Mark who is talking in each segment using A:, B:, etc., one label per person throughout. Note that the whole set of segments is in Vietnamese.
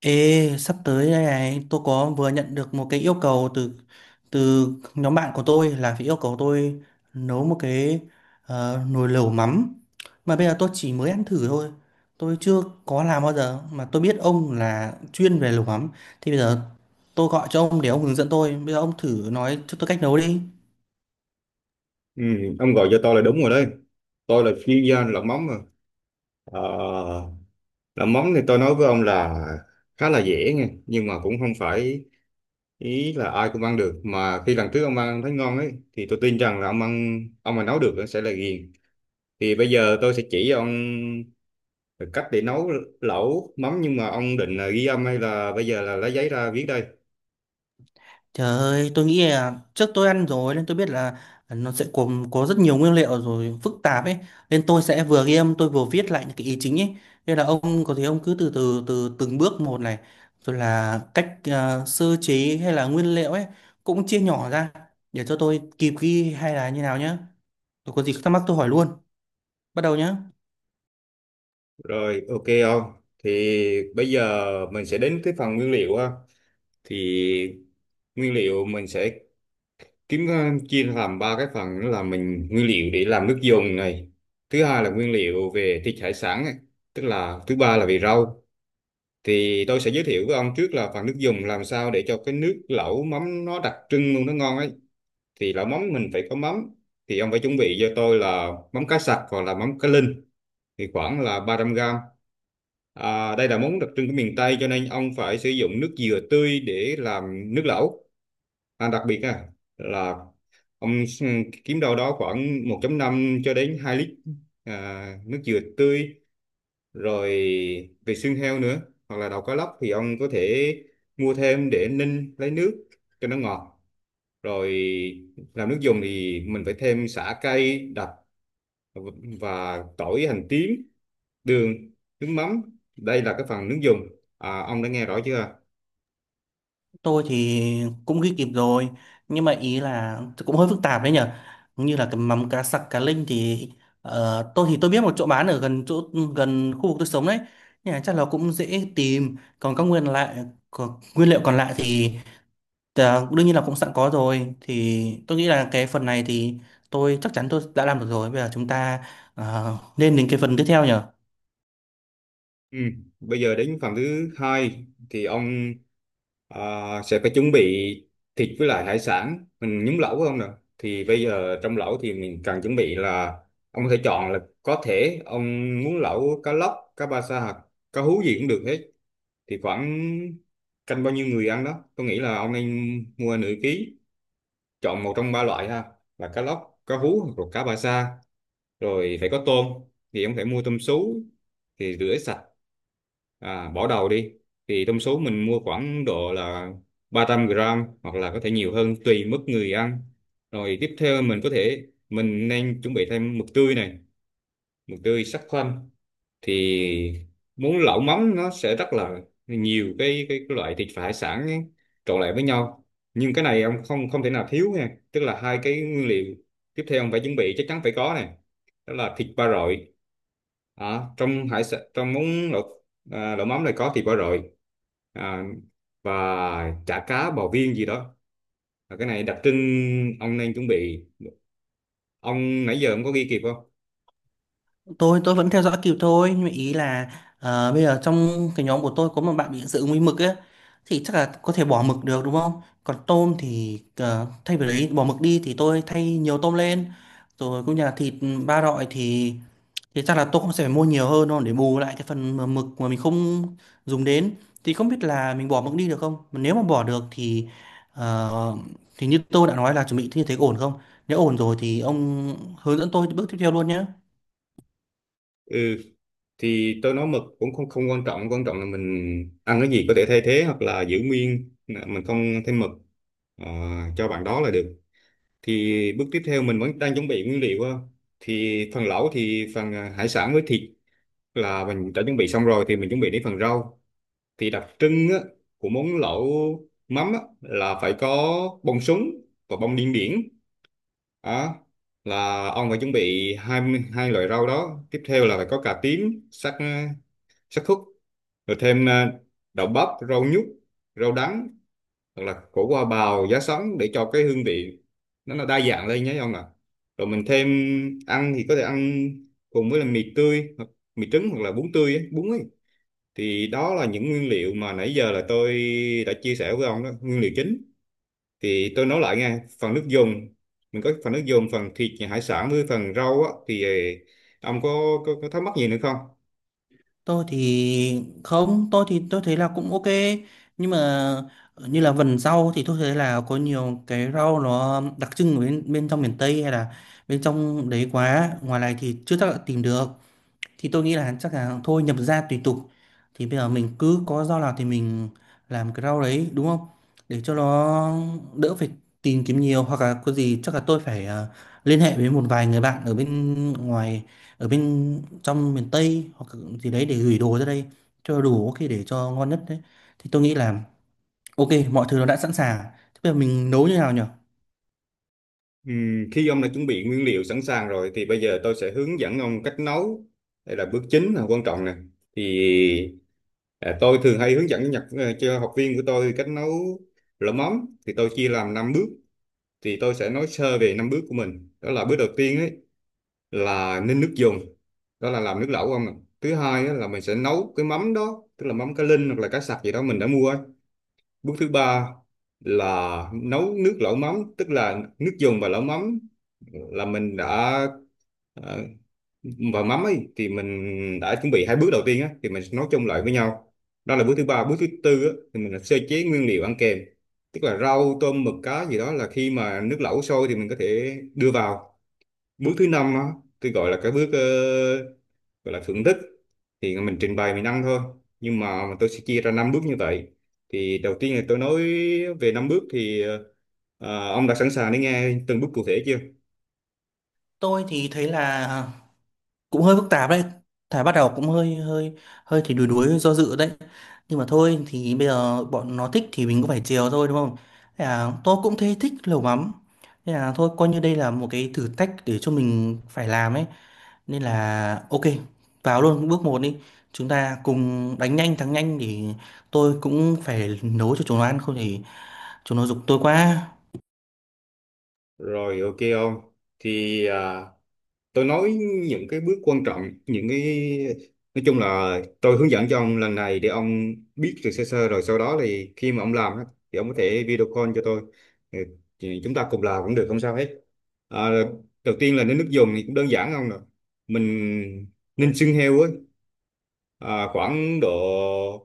A: Ê, sắp tới đây này, tôi có vừa nhận được một cái yêu cầu từ từ nhóm bạn của tôi là phải yêu cầu tôi nấu một cái nồi lẩu mắm. Mà bây giờ tôi chỉ mới ăn thử thôi. Tôi chưa có làm bao giờ mà tôi biết ông là chuyên về lẩu mắm. Thì bây giờ tôi gọi cho ông để ông hướng dẫn tôi. Bây giờ ông thử nói cho tôi cách nấu đi.
B: Ừ, ông gọi cho tôi là đúng rồi đấy. Tôi là chuyên gia làm mắm mà. Ờ, làm mắm thì tôi nói với ông là khá là dễ nghe, nhưng mà cũng không phải ý là ai cũng ăn được. Mà khi lần trước ông ăn thấy ngon ấy, thì tôi tin rằng là ông ăn, ông mà nấu được sẽ là ghiền. Thì bây giờ tôi sẽ chỉ ông cách để nấu lẩu mắm, nhưng mà ông định là ghi âm hay là bây giờ là lấy giấy ra viết đây?
A: Trời ơi, tôi nghĩ là trước tôi ăn rồi nên tôi biết là nó sẽ gồm có rất nhiều nguyên liệu rồi phức tạp ấy, nên tôi sẽ vừa ghi âm tôi vừa viết lại những cái ý chính ấy, nên là ông có thể ông cứ từ từ từ từng bước một này, rồi là cách sơ chế hay là nguyên liệu ấy cũng chia nhỏ ra để cho tôi kịp ghi hay là như nào nhá. Tôi có gì thắc mắc tôi hỏi luôn. Bắt đầu nhá.
B: Rồi, ok ông. Thì bây giờ mình sẽ đến cái phần nguyên liệu ha. Thì nguyên liệu mình sẽ kiếm, chia làm ba cái phần, đó là mình nguyên liệu để làm nước dùng này, thứ hai là nguyên liệu về thịt hải sản này, tức là thứ ba là về rau. Thì tôi sẽ giới thiệu với ông trước là phần nước dùng, làm sao để cho cái nước lẩu mắm nó đặc trưng luôn, nó ngon ấy. Thì lẩu mắm mình phải có mắm, thì ông phải chuẩn bị cho tôi là mắm cá sặc hoặc là mắm cá linh, thì khoảng là 300 gram. Đây là món đặc trưng của miền Tây cho nên ông phải sử dụng nước dừa tươi để làm nước lẩu. Đặc biệt á là ông kiếm đâu đó khoảng 1,5 cho đến 2 lít, nước dừa tươi. Rồi, về xương heo nữa, hoặc là đầu cá lóc, thì ông có thể mua thêm để ninh lấy nước cho nó ngọt. Rồi làm nước dùng thì mình phải thêm sả cay đặc, và tỏi, hành tím, đường, nước mắm. Đây là cái phần nước dùng. Ông đã nghe rõ chưa?
A: Tôi thì cũng ghi kịp rồi, nhưng mà ý là cũng hơi phức tạp đấy nhở, như là cái mắm cá sặc cá linh thì tôi thì tôi biết một chỗ bán ở gần chỗ gần khu vực tôi sống đấy, nhưng mà chắc là cũng dễ tìm. Còn các nguyên lại, nguyên liệu còn lại thì đương nhiên là cũng sẵn có rồi, thì tôi nghĩ là cái phần này thì tôi chắc chắn tôi đã làm được rồi. Bây giờ chúng ta nên đến cái phần tiếp theo nhở.
B: Ừ. Bây giờ đến phần thứ hai thì ông À, sẽ phải chuẩn bị thịt với lại hải sản mình nhúng lẩu phải không nè? Thì bây giờ trong lẩu thì mình cần chuẩn bị là ông có thể chọn, là có thể ông muốn lẩu cá lóc, cá ba sa hoặc cá hú gì cũng được hết. Thì khoảng canh bao nhiêu người ăn đó, tôi nghĩ là ông nên mua nửa ký, chọn một trong ba loại ha, là cá lóc, cá hú hoặc là cá ba sa. Rồi phải có tôm, thì em phải mua tôm sú, thì rửa sạch, bỏ đầu đi. Thì tôm sú mình mua khoảng độ là 300 gram hoặc là có thể nhiều hơn tùy mức người ăn. Rồi tiếp theo mình có thể mình nên chuẩn bị thêm mực tươi này, mực tươi sắc khoăn. Thì muốn lẩu mắm nó sẽ rất là nhiều cái loại thịt và hải sản ấy, trộn lại với nhau. Nhưng cái này ông không không thể nào thiếu nha, tức là hai cái nguyên liệu tiếp theo ông phải chuẩn bị chắc chắn phải có này, đó là thịt ba rọi, trong hải sản, trong món lẩu, lẩu mắm này có thịt ba rọi, à, và chả cá, bò viên gì đó. Và cái này đặc trưng, ông nên chuẩn bị. Ông nãy giờ ông có ghi kịp không?
A: Tôi vẫn theo dõi kịp thôi, nhưng mà ý là bây giờ trong cái nhóm của tôi có một bạn bị dị ứng với mực ấy, thì chắc là có thể bỏ mực được đúng không, còn tôm thì thay vì đấy bỏ mực đi thì tôi thay nhiều tôm lên. Rồi cũng như là thịt ba loại thì chắc là tôi cũng sẽ phải mua nhiều hơn thôi để bù lại cái phần mà mực mà mình không dùng đến. Thì không biết là mình bỏ mực đi được không, mà nếu mà bỏ được thì ờ, thì như tôi đã nói là chuẩn bị như thế ổn không. Nếu ổn rồi thì ông hướng dẫn tôi bước tiếp theo luôn nhé.
B: Ừ. Thì tôi nói mực cũng không không quan trọng, quan trọng là mình ăn cái gì có thể thay thế hoặc là giữ nguyên, mình không thêm mực, ờ, cho bạn đó là được. Thì bước tiếp theo mình vẫn đang chuẩn bị nguyên liệu á. Thì phần lẩu thì phần hải sản với thịt là mình đã chuẩn bị xong rồi, thì mình chuẩn bị đến phần rau. Thì đặc trưng á, của món lẩu mắm á, là phải có bông súng và bông điên điển. Đó là ông phải chuẩn bị hai hai loại rau đó. Tiếp theo là phải có cà tím sắc, sắc thuốc. Rồi thêm đậu bắp, rau nhút, rau đắng, hoặc là củ hoa bào, giá sắn, để cho cái hương vị nó là đa dạng lên nhé ông ạ. Rồi mình thêm ăn thì có thể ăn cùng với là mì tươi hoặc mì trứng hoặc là bún tươi ấy, bún ấy. Thì đó là những nguyên liệu mà nãy giờ là tôi đã chia sẻ với ông đó, nguyên liệu chính. Thì tôi nói lại nghe, phần nước dùng mình có, phần nước dùng, phần thịt hải sản với phần rau á, thì ông có thắc mắc gì nữa không?
A: Tôi thì không, tôi thì tôi thấy là cũng ok, nhưng mà như là vần rau thì tôi thấy là có nhiều cái rau nó đặc trưng ở bên bên trong miền Tây hay là bên trong đấy quá, ngoài này thì chưa chắc đã tìm được. Thì tôi nghĩ là chắc là thôi, nhập gia tùy tục. Thì bây giờ mình cứ có rau nào thì mình làm cái rau đấy đúng không, để cho nó đỡ phải tìm kiếm nhiều, hoặc là có gì chắc là tôi phải liên hệ với một vài người bạn ở bên ngoài, ở bên trong miền Tây hoặc gì đấy để gửi đồ ra đây cho đủ, có khi để cho ngon nhất đấy. Thì tôi nghĩ là ok, mọi thứ nó đã sẵn sàng. Thế bây giờ mình nấu như nào nhỉ?
B: Ừ, khi ông đã chuẩn bị nguyên liệu sẵn sàng rồi thì bây giờ tôi sẽ hướng dẫn ông cách nấu. Đây là bước chính, là quan trọng nè. Thì tôi thường hay hướng dẫn nhật, cho học viên của tôi cách nấu lẩu mắm. Thì tôi chia làm 5 bước. Thì tôi sẽ nói sơ về 5 bước của mình. Đó là bước đầu tiên ấy, là ninh nước dùng. Đó là làm nước lẩu ông ạ. Thứ hai á, là mình sẽ nấu cái mắm đó, tức là mắm cá linh hoặc là cá sặc gì đó mình đã mua ấy. Bước thứ ba là nấu nước lẩu mắm, tức là nước dùng và lẩu mắm là mình đã, ờ, và mắm ấy thì mình đã chuẩn bị hai bước đầu tiên á, thì mình sẽ nấu chung lại với nhau. Đó là bước thứ ba. Bước thứ tư á, thì mình là sơ chế nguyên liệu ăn kèm, tức là rau, tôm, mực, cá gì đó, là khi mà nước lẩu sôi thì mình có thể đưa vào. Bước thứ năm á, tôi gọi là cái bước, gọi là thưởng thức, thì mình trình bày mình ăn thôi. Nhưng mà tôi sẽ chia ra năm bước như vậy. Thì đầu tiên là tôi nói về năm bước, thì ông đã sẵn sàng để nghe từng bước cụ thể chưa?
A: Tôi thì thấy là cũng hơi phức tạp đấy, thả bắt đầu cũng hơi hơi hơi thì đuối, đuối do dự đấy. Nhưng mà thôi, thì bây giờ bọn nó thích thì mình cũng phải chiều thôi đúng không? Thế là tôi cũng thấy thích lẩu mắm. Thế là thôi coi như đây là một cái thử thách để cho mình phải làm ấy. Nên là ok, vào luôn bước một đi. Chúng ta cùng đánh nhanh thắng nhanh để tôi cũng phải nấu cho chúng nó ăn, không thì chúng nó giục tôi quá.
B: Rồi, ok ông. Thì tôi nói những cái bước quan trọng, những cái nói chung là tôi hướng dẫn cho ông lần này để ông biết được sơ sơ, rồi sau đó thì khi mà ông làm á, thì ông có thể video call cho tôi. Ừ, thì chúng ta cùng làm cũng được, không sao hết. À, đầu tiên là đến nước dùng thì cũng đơn giản không nè, mình ninh xương heo á, khoảng độ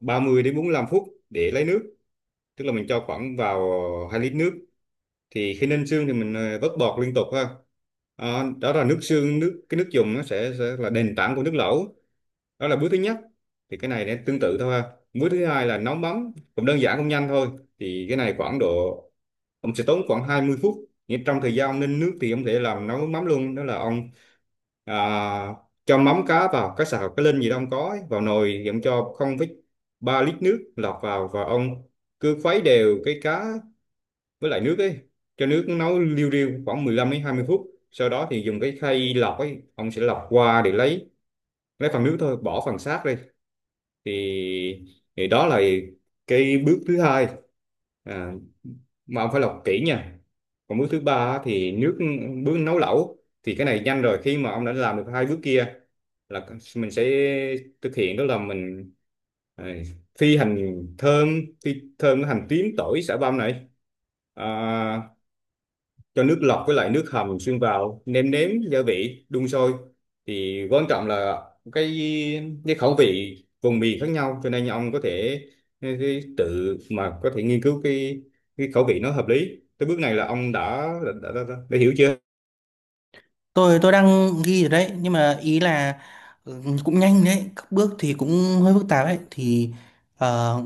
B: 30 đến 45 phút để lấy nước, tức là mình cho khoảng vào 2 lít nước. Thì khi ninh xương thì mình, vớt bọt liên tục ha. Đó là nước xương, nước, cái nước dùng nó sẽ là nền tảng của nước lẩu. Đó là bước thứ nhất. Thì cái này nó tương tự thôi ha. Bước thứ hai là nấu mắm, cũng đơn giản, cũng nhanh thôi. Thì cái này khoảng độ ông sẽ tốn khoảng 20 phút, nhưng trong thời gian ông ninh nước thì ông có thể làm nấu mắm luôn. Đó là ông à, cho mắm cá vào, cá sào cá linh gì đó ông có ấy, vào nồi, thì ông cho 0,3 lít nước lọt vào, và ông cứ khuấy đều cái cá với lại nước ấy, cho nước nấu liu riu khoảng 15 đến 20 phút, sau đó thì dùng cái khay lọc ấy, ông sẽ lọc qua để lấy phần nước thôi, bỏ phần xác đi. Thì thì đó là cái bước thứ hai, à, mà ông phải lọc kỹ nha. Còn bước thứ ba á, thì nước, bước nấu lẩu, thì cái này nhanh rồi, khi mà ông đã làm được hai bước kia, là mình sẽ thực hiện, đó là mình à, phi hành thơm, phi thơm cái hành tím, tỏi, xả băm này, à, cho nước lọc với lại nước hầm xuyên vào, nêm nếm gia vị, đun sôi. Thì quan trọng là cái cái khẩu vị vùng miền khác nhau, cho nên ông có thể, tự mà có thể nghiên cứu cái khẩu vị nó hợp lý. Tới bước này là ông đã, đã hiểu chưa?
A: Tôi đang ghi rồi đấy, nhưng mà ý là ừ, cũng nhanh đấy, các bước thì cũng hơi phức tạp đấy thì ờ,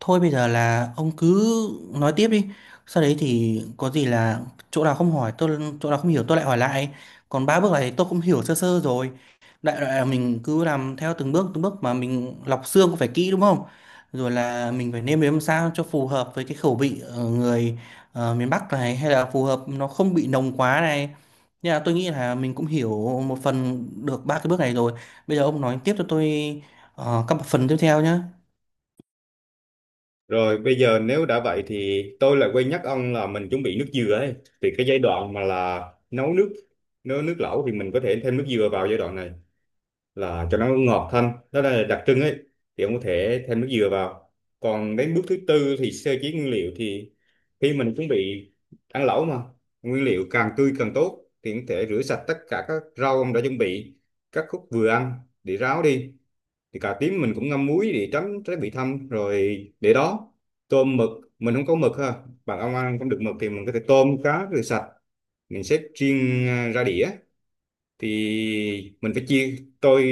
A: thôi bây giờ là ông cứ nói tiếp đi, sau đấy thì có gì là chỗ nào không hỏi tôi, chỗ nào không hiểu tôi lại hỏi lại. Còn ba bước này tôi cũng hiểu sơ sơ rồi, đại loại là mình cứ làm theo từng bước từng bước, mà mình lọc xương cũng phải kỹ đúng không, rồi là mình phải nêm nếm sao cho phù hợp với cái khẩu vị người miền Bắc này, hay là phù hợp nó không bị nồng quá này. Dạ, tôi nghĩ là mình cũng hiểu một phần được ba cái bước này rồi. Bây giờ ông nói tiếp cho tôi các phần tiếp theo nhé.
B: Rồi, bây giờ nếu đã vậy thì tôi lại quên nhắc ông là mình chuẩn bị nước dừa ấy. Thì cái giai đoạn mà là nấu nước nấu nước lẩu, thì mình có thể thêm nước dừa vào giai đoạn này là cho nó ngọt thanh, đó là đặc trưng ấy. Thì ông có thể thêm nước dừa vào. Còn đến bước thứ tư thì sơ chế nguyên liệu. Thì khi mình chuẩn bị ăn lẩu mà, nguyên liệu càng tươi càng tốt, thì ông có thể rửa sạch tất cả các rau ông đã chuẩn bị, các khúc vừa ăn, để ráo đi. Thì cà tím mình cũng ngâm muối để tránh trái bị thâm, rồi để đó. Tôm mực, mình không có mực ha, bạn ông ăn không được mực, thì mình có thể tôm cá rửa sạch, mình xếp riêng, ra đĩa. Thì mình phải chia, tôi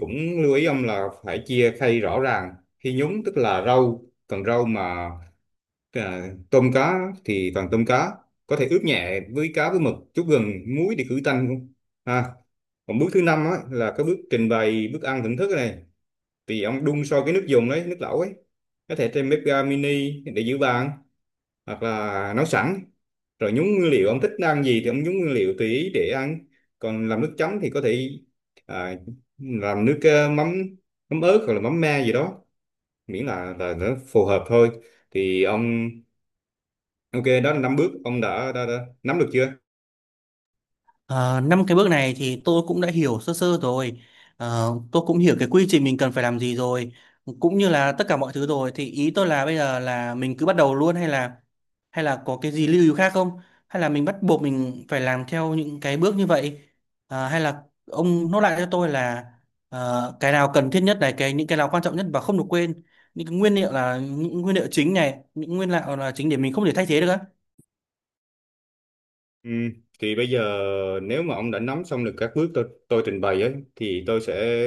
B: cũng lưu ý ông là phải chia khay rõ ràng khi nhúng, tức là rau còn rau mà, tôm cá thì toàn tôm cá. Có thể ướp nhẹ với cá, với mực chút gừng muối để khử tanh luôn ha. Còn bước thứ năm á là cái bước trình bày bức ăn thưởng thức này. Thì ông đun sôi cái nước dùng đấy, nước lẩu ấy, có thể trên bếp ga mini để giữ bàn, hoặc là nấu sẵn, rồi nhúng nguyên liệu, ông thích ăn gì thì ông nhúng nguyên liệu tùy ý để ăn. Còn làm nước chấm thì có thể à, làm nước, mắm mắm ớt hoặc là mắm me gì đó, miễn là nó phù hợp thôi. Thì ông ok, đó là năm bước ông đã nắm được chưa?
A: Ờ, năm cái bước này thì tôi cũng đã hiểu sơ sơ rồi. Ờ, tôi cũng hiểu cái quy trình mình cần phải làm gì rồi, cũng như là tất cả mọi thứ rồi. Thì ý tôi là bây giờ là mình cứ bắt đầu luôn, hay là có cái gì lưu ý khác không, hay là mình bắt buộc mình phải làm theo những cái bước như vậy. Ờ, hay là ông nốt lại cho tôi là cái nào cần thiết nhất này, cái những cái nào quan trọng nhất và không được quên, những cái nguyên liệu là những nguyên liệu chính này, những nguyên liệu là chính để mình không thể thay thế được á.
B: Ừ, thì bây giờ nếu mà ông đã nắm xong được các bước tôi trình bày ấy, thì tôi sẽ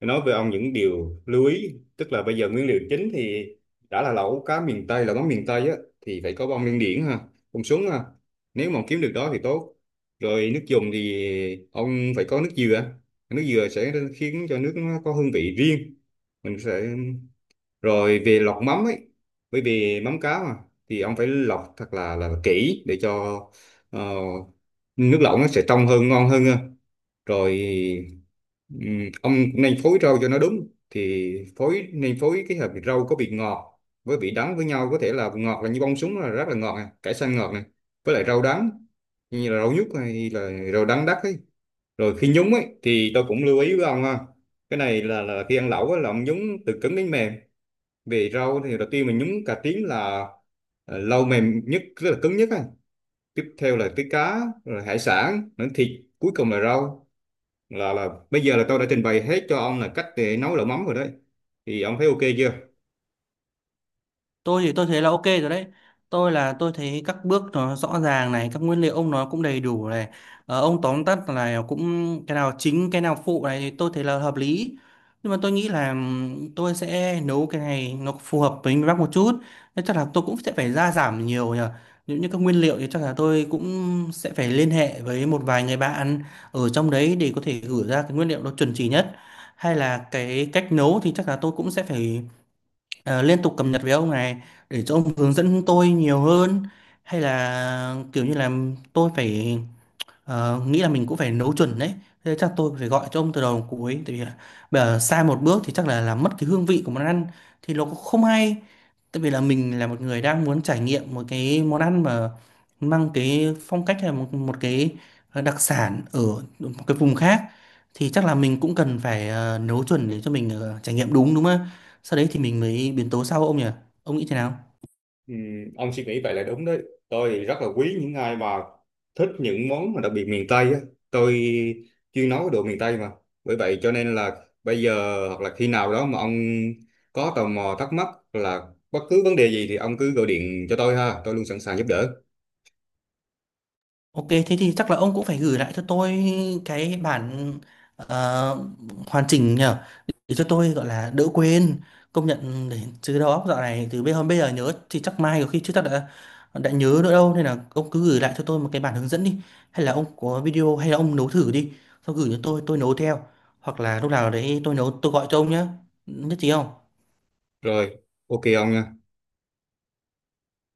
B: nói về ông những điều lưu ý, tức là bây giờ nguyên liệu chính thì, đã là lẩu cá miền Tây, là món miền Tây á, thì phải có bông điên điển ha, bông súng ha, nếu mà kiếm được đó thì tốt. Rồi nước dùng thì ông phải có nước dừa, nước dừa sẽ khiến cho nước nó có hương vị riêng. Mình sẽ, rồi về lọc mắm ấy, bởi vì mắm cá mà, thì ông phải lọc thật là kỹ để cho, ờ, nước lẩu nó sẽ trong hơn, ngon hơn ha. Rồi, ông cũng nên phối rau cho nó đúng, thì phối nên phối cái hợp, rau có vị ngọt với vị đắng với nhau. Có thể là ngọt là như bông súng là rất là ngọt này, cải xanh ngọt này, với lại rau đắng như là rau nhút hay là rau đắng đắt ấy. Rồi khi nhúng ấy thì tôi cũng lưu ý với ông ha, cái này là khi ăn lẩu á, là ông nhúng từ cứng đến mềm. Về rau thì đầu tiên mình nhúng cà tím là, lâu mềm nhất, rất là cứng nhất á. Tiếp theo là tới cá, rồi hải sản nữa, thịt, cuối cùng là rau. Là bây giờ là tôi đã trình bày hết cho ông là cách để nấu lẩu mắm rồi đấy. Thì ông thấy ok chưa?
A: Tôi thì tôi thấy là ok rồi đấy, tôi là tôi thấy các bước nó rõ ràng này, các nguyên liệu ông nó cũng đầy đủ này. Ờ, ông tóm tắt là cũng cái nào chính cái nào phụ này thì tôi thấy là hợp lý. Nhưng mà tôi nghĩ là tôi sẽ nấu cái này nó phù hợp với miền Bắc một chút, nên chắc là tôi cũng sẽ phải gia giảm nhiều nhờ. Nếu như các nguyên liệu thì chắc là tôi cũng sẽ phải liên hệ với một vài người bạn ở trong đấy để có thể gửi ra cái nguyên liệu nó chuẩn chỉ nhất. Hay là cái cách nấu thì chắc là tôi cũng sẽ phải liên tục cập nhật với ông này để cho ông hướng dẫn tôi nhiều hơn. Hay là kiểu như là tôi phải nghĩ là mình cũng phải nấu chuẩn đấy. Thế chắc tôi phải gọi cho ông từ đầu đến cuối, tại vì là bây giờ sai một bước thì chắc là làm mất cái hương vị của món ăn, thì nó cũng không hay. Tại vì là mình là một người đang muốn trải nghiệm một cái món ăn mà mang cái phong cách hay một cái đặc sản ở một cái vùng khác, thì chắc là mình cũng cần phải nấu chuẩn để cho mình trải nghiệm đúng, đúng không ạ? Sau đấy thì mình mới biến tấu sau ông nhỉ? Ông nghĩ thế nào?
B: Ừ, ông suy nghĩ vậy là đúng đấy. Tôi thì rất là quý những ai mà thích những món mà đặc biệt miền Tây á. Tôi chuyên nấu đồ miền Tây mà. Bởi vậy cho nên là bây giờ hoặc là khi nào đó mà ông có tò mò thắc mắc là bất cứ vấn đề gì thì ông cứ gọi điện cho tôi ha, tôi luôn sẵn sàng giúp đỡ.
A: Ok, thế thì chắc là ông cũng phải gửi lại cho tôi cái bản ờ, hoàn chỉnh nhở, để cho tôi gọi là đỡ quên. Công nhận để chứ đầu óc dạo này từ bây hôm bây giờ nhớ thì chắc mai có khi chứ chắc đã nhớ nữa đâu. Nên là ông cứ gửi lại cho tôi một cái bản hướng dẫn đi, hay là ông có video hay là ông nấu thử đi xong gửi cho tôi nấu theo, hoặc là lúc nào đấy tôi nấu tôi gọi cho ông nhé. Nhất trí không?
B: Rồi, ok ông nha.